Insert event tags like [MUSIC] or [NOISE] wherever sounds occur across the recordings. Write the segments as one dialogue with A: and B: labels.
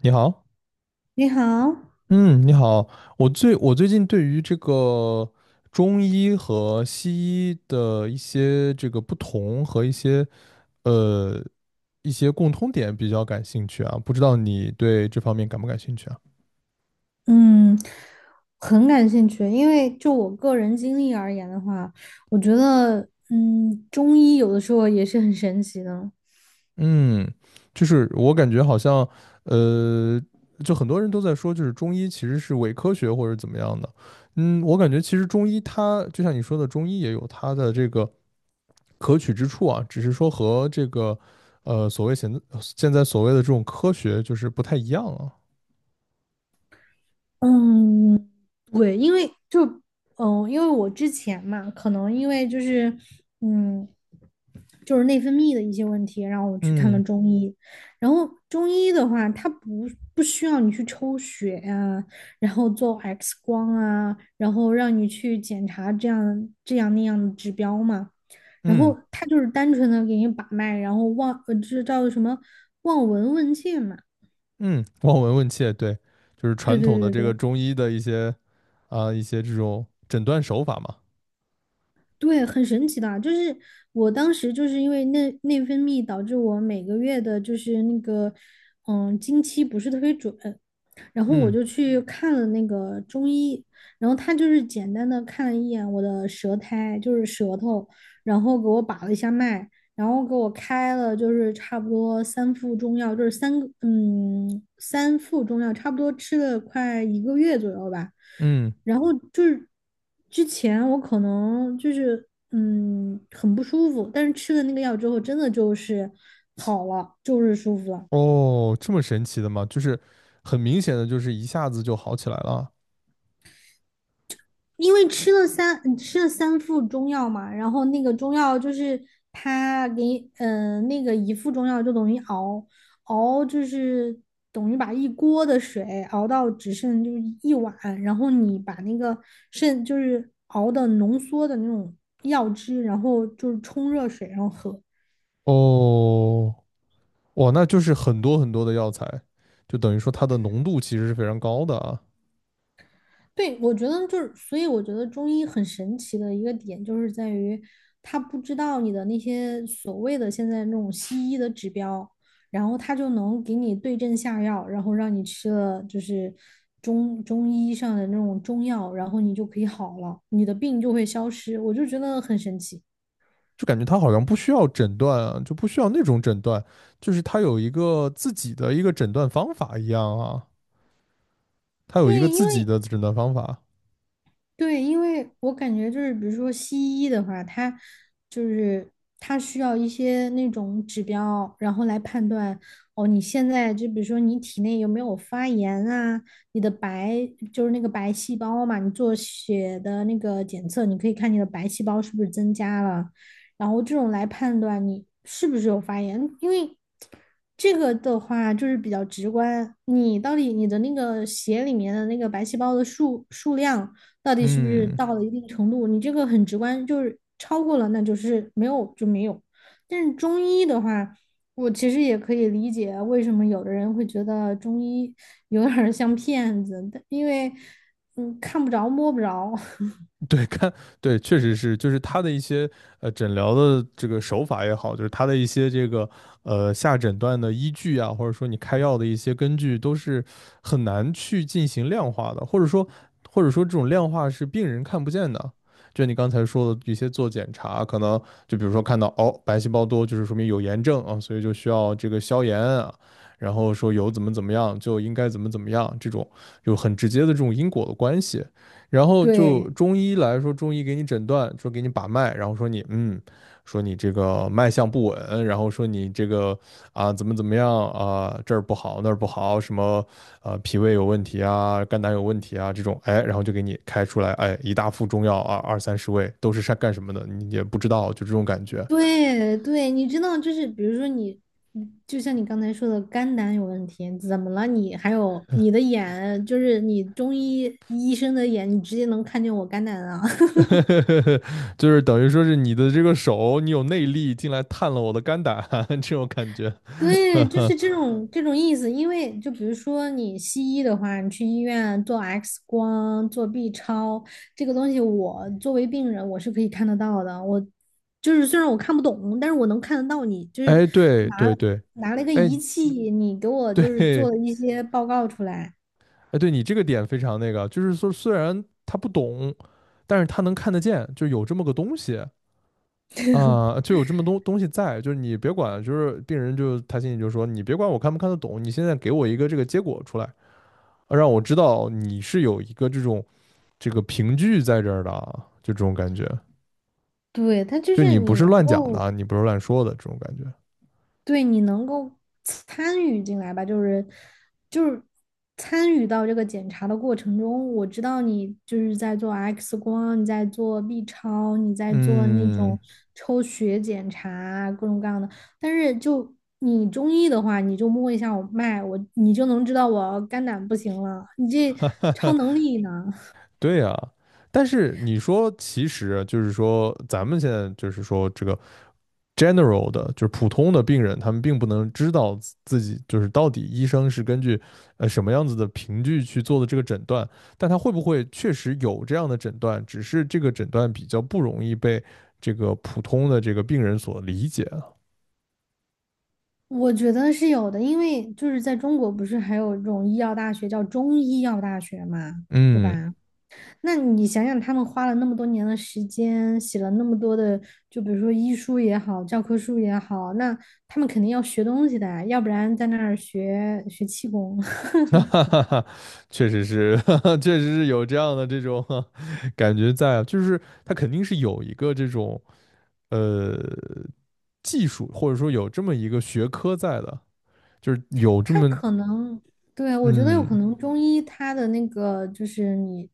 A: 你好，
B: 你好，
A: 嗯，你好，我最近对于这个中医和西医的一些这个不同和一些呃一些共通点比较感兴趣啊，不知道你对这方面感不感兴趣啊？
B: 嗯，很感兴趣，因为就我个人经历而言的话，我觉得，中医有的时候也是很神奇的。
A: 嗯，就是我感觉好像呃，就很多人都在说，就是中医其实是伪科学或者怎么样的，嗯，我感觉其实中医它就像你说的，中医也有它的这个。可取之处啊，只是说和这个所谓现在所谓的这种科学就是不太一样啊。
B: 嗯，对，因为我之前嘛，可能因为就是嗯，内分泌的一些问题，然后我去看了
A: 嗯
B: 中医。然后中医的话，它不需要你去抽血啊，然后做 X 光啊，然后让你去检查这样那样的指标嘛。然
A: 嗯
B: 后它就是单纯的给你把脉，然后这叫什么望闻问切嘛。
A: 嗯，望闻问切，对，就是
B: 对
A: 传统的
B: 对对
A: 这个
B: 对。
A: 中医的一些一些这种诊断手法嘛。
B: 对，很神奇的，就是我当时就是因为内分泌导致我每个月的，就是那个，经期不是特别准，然后我
A: 嗯
B: 就去看了那个中医，然后他就是简单的看了一眼我的舌苔，就是舌头，然后给我把了一下脉，然后给我开了就是差不多三副中药，就是三个嗯三副中药，差不多吃了快一个月左右吧。
A: 嗯，
B: 然后就是之前我可能就是很不舒服，但是吃了那个药之后，真的就是好了，就是舒服了。
A: 哦，这么神奇的吗？就是很明显的，就是一下子就好起来了。
B: 因为吃了三副中药嘛，然后那个中药就是他给你那个一副中药就等于熬就是等于把一锅的水熬到只剩就是一碗，然后你把那个就是熬的浓缩的那种药汁，然后就是冲热水然后喝。
A: 哦，哇，那就是很多很多的药材，就等于说它的浓度其实是非常高的啊。
B: 对，我觉得就是，所以我觉得中医很神奇的一个点就是在于，他不知道你的那些所谓的现在那种西医的指标，然后他就能给你对症下药，然后让你吃了就是中医上的那种中药，然后你就可以好了，你的病就会消失。我就觉得很神奇。
A: 就感觉他好像不需要诊断啊，就不需要那种诊断，就是他有一个自己的一个诊断方法一样啊，他有一个
B: 对，
A: 自己的诊断方法。
B: 因为我感觉就是，比如说西医的话，它就是它需要一些那种指标，然后来判断哦，你现在就比如说你体内有没有发炎啊，你的就是那个白细胞嘛，你做血的那个检测，你可以看你的白细胞是不是增加了，然后这种来判断你是不是有发炎，因为这个的话就是比较直观，你到底你的那个血里面的那个白细胞的量。到底是不是
A: 嗯，
B: 到了一定程度，你这个很直观，就是超过了，那就是没有就没有。但是中医的话，我其实也可以理解为什么有的人会觉得中医 [LAUGHS] 有点像骗子，但因为看不着摸不着。
A: [LAUGHS] 对，看，对，确实是，就是他的一些诊疗的这个手法也好，就是他的一些这个下诊断的依据啊，或者说你开药的一些根据，都是很难去进行量化的，或者说这种量化是病人看不见的。就你刚才说的一些做检查，可能就比如说看到哦白细胞多，就是说明有炎症啊，所以就需要这个消炎啊，然后说有怎么怎么样就应该怎么怎么样，这种有很直接的这种因果的关系。然
B: [LAUGHS]
A: 后就
B: 对
A: 中医来说，中医给你诊断，说给你把脉，然后说你嗯，说你这个脉象不稳，然后说你这个啊怎么怎么样啊这儿不好那儿不好，什么脾胃有问题啊，肝胆有问题啊这种，哎，然后就给你开出来，哎一大副中药啊二三十味都是干什么的，你也不知道，就这种感觉，
B: 对对，你知道，就是比如说你，就像你刚才说的肝胆有问题，怎么了你？还有你的眼，就是你中医医生的眼，你直接能看见我肝胆啊？[LAUGHS]
A: [LAUGHS] 就是等于说是你的这个手你有内力进来探了我的肝胆 [LAUGHS] 这种感觉，
B: 对，就是这
A: [LAUGHS]
B: 种这种意思。因为就比如说你西医的话，你去医院做 X 光、做 B 超，这个东西我作为病人我是可以看得到的。我就是虽然我看不懂，但是我能看得到你就是
A: 哎对
B: 拿
A: 对对，
B: 拿了一个仪
A: 哎。
B: 器，你给我
A: [LAUGHS]
B: 就是做
A: 对。
B: 了一些报告出来。
A: 哎，对你这个点非常那个，就是说虽然他不懂，但是他能看得见，就有这么个东西啊、就有这么东西在，就是你别管，就是病人就他心里就说，你别管我看不看得懂，你现在给我一个这个结果出来，啊让我知道你是有一个这种这个凭据在这儿的啊，就这种感觉，
B: 对，它就
A: 就
B: 是
A: 你不
B: 你
A: 是
B: 能
A: 乱讲的
B: 够
A: 啊，你不是乱说的这种感觉。
B: 对，你能够参与进来吧，就是就是参与到这个检查的过程中，我知道你就是在做 X 光，你在做 B 超，你在做那
A: 嗯，
B: 种抽血检查，各种各样的。但是你中医的话，你就摸一下我脉，你就能知道我肝胆不行了。你这超能
A: [LAUGHS]
B: 力呢？
A: 对呀、但是你说，其实就是说，咱们现在就是说，这个 general 的，就是普通的病人，他们并不能知道自己就是到底医生是根据什么样子的凭据去做的这个诊断，但他会不会确实有这样的诊断，只是这个诊断比较不容易被这个普通的这个病人所理解啊。
B: 我觉得是有的，因为就是在中国不是还有这种医药大学叫中医药大学嘛，对
A: 嗯，
B: 吧？那你想想，他们花了那么多年的时间，写了那么多的，就比如说医书也好，教科书也好，那他们肯定要学东西的啊，要不然在那儿学学气功。
A: [LAUGHS] 哈
B: [LAUGHS]
A: 哈哈，确实是，[LAUGHS] 哈哈，确实是有这样的这种 [LAUGHS] 感觉在啊，就是他肯定是有一个这种呃技术，或者说有这么一个学科在的，就是有这
B: 他
A: 么
B: 可能，对，我觉得有可
A: 嗯
B: 能中医它的那个就是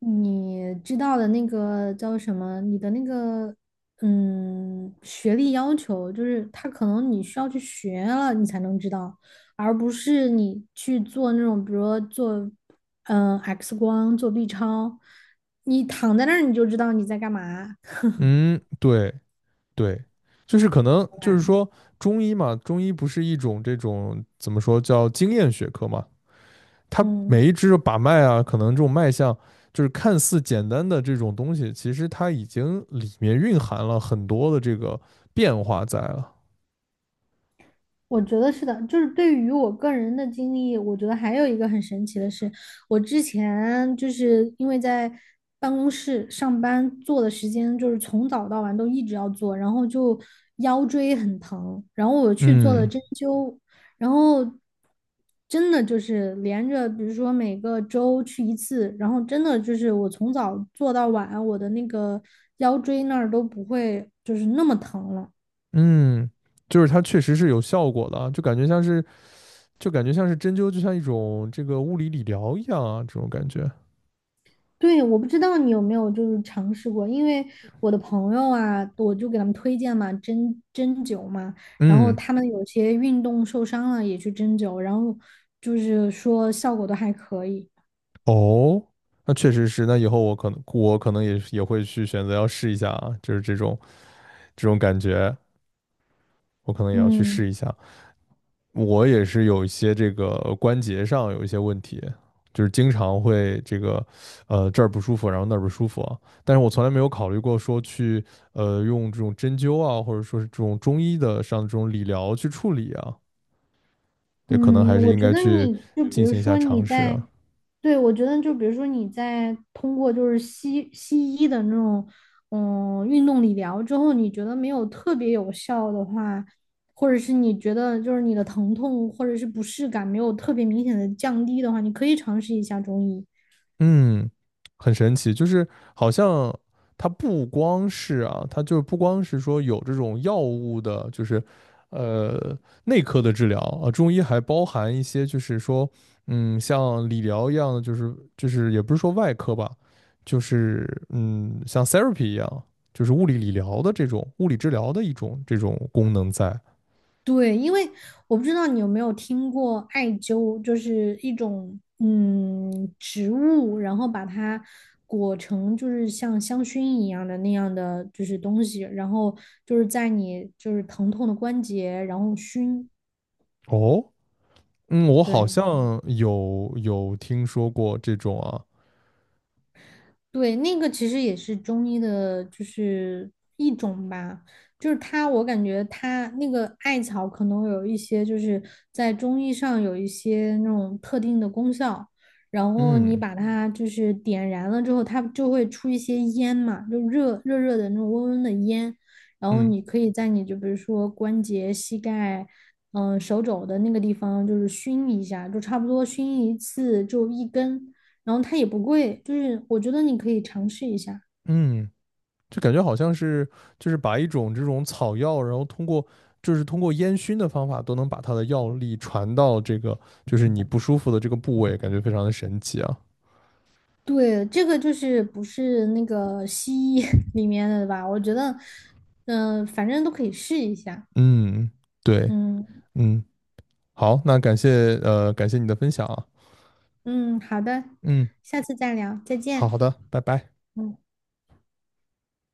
B: 你知道的那个叫什么，你的那个学历要求，就是他可能你需要去学了你才能知道，而不是你去做那种比如说做X 光、做 B 超，你躺在那儿你就知道你在干嘛，
A: 嗯，对对，就是可能
B: 对
A: 就是
B: 吧？
A: 说中医嘛，中医不是一种这种怎么说叫经验学科嘛，它
B: 嗯。
A: 每一支的把脉啊，可能这种脉象就是看似简单的这种东西，其实它已经里面蕴含了很多的这个变化在了。
B: 我觉得是的，就是对于我个人的经历，我觉得还有一个很神奇的是，我之前就是因为在办公室上班做的时间就是从早到晚都一直要做，然后就腰椎很疼，然后我去做了
A: 嗯
B: 针灸，然后真的就是连着，比如说每个周去一次，然后真的就是我从早做到晚，我的那个腰椎那儿都不会就是那么疼了。
A: 嗯，就是它确实是有效果的啊，就感觉像是就感觉像是针灸，就像一种这个物理理疗一样啊，这种感觉。
B: 对，我不知道你有没有就是尝试过，因为我的朋友啊，我就给他们推荐嘛，针灸嘛，然后
A: 嗯。
B: 他们有些运动受伤了也去针灸，然后就是说效果都还可以。
A: 哦，那确实是，那以后我可能也也会去选择要试一下啊，就是这种这种感觉，我可能也要去
B: 嗯。
A: 试一下。我也是有一些这个关节上有一些问题，就是经常会这个这儿不舒服，然后那儿不舒服啊，但是我从来没有考虑过说去用这种针灸啊，或者说是这种中医的上这种理疗去处理啊，也可能
B: 嗯，
A: 还是
B: 我
A: 应
B: 觉
A: 该
B: 得
A: 去
B: 你就比
A: 进
B: 如
A: 行一下
B: 说你
A: 尝试
B: 在，
A: 啊。
B: 对，我觉得就比如说你在通过就是西医的那种运动理疗之后，你觉得没有特别有效的话，或者是你觉得就是你的疼痛或者是不适感没有特别明显的降低的话，你可以尝试一下中医。
A: 嗯，很神奇，就是好像它不光是啊，它就不光是说有这种药物的，就是呃内科的治疗啊，中医还包含一些就是说，嗯，像理疗一样的，就是就是也不是说外科吧，就是嗯像 therapy 一样，就是物理理疗的这种物理治疗的一种这种功能在。
B: 对，因为我不知道你有没有听过艾灸，就是一种植物，然后把它裹成就是像香薰一样的那样的就是东西，然后就是在你就是疼痛的关节，然后熏。
A: 哦，嗯，我好
B: 对，
A: 像有听说过这种啊，
B: 对，那个其实也是中医的，就是一种吧。就是它，我感觉它那个艾草可能有一些，就是在中医上有一些那种特定的功效。然后你
A: 嗯
B: 把它就是点燃了之后，它就会出一些烟嘛，就热热的那种温温的烟。然后
A: 嗯
B: 你可以在你就比如说关节、膝盖、手肘的那个地方，就是熏一下，就差不多熏一次，就一根。然后它也不贵，就是我觉得你可以尝试一下。
A: 嗯。就感觉好像是就是把一种这种草药，然后通过就是通过烟熏的方法，都能把它的药力传到这个就是你不舒服的这个部位，感觉非常的神奇啊。
B: 对，这个就是不是那个西医 [LAUGHS] 里面的吧？我觉得，反正都可以试一下。
A: 嗯，对，
B: 嗯
A: 嗯，好，那感谢感谢你的分享啊。
B: 嗯，好的，
A: 嗯，
B: 下次再聊，再
A: 好
B: 见。
A: 好的，拜拜。
B: 嗯。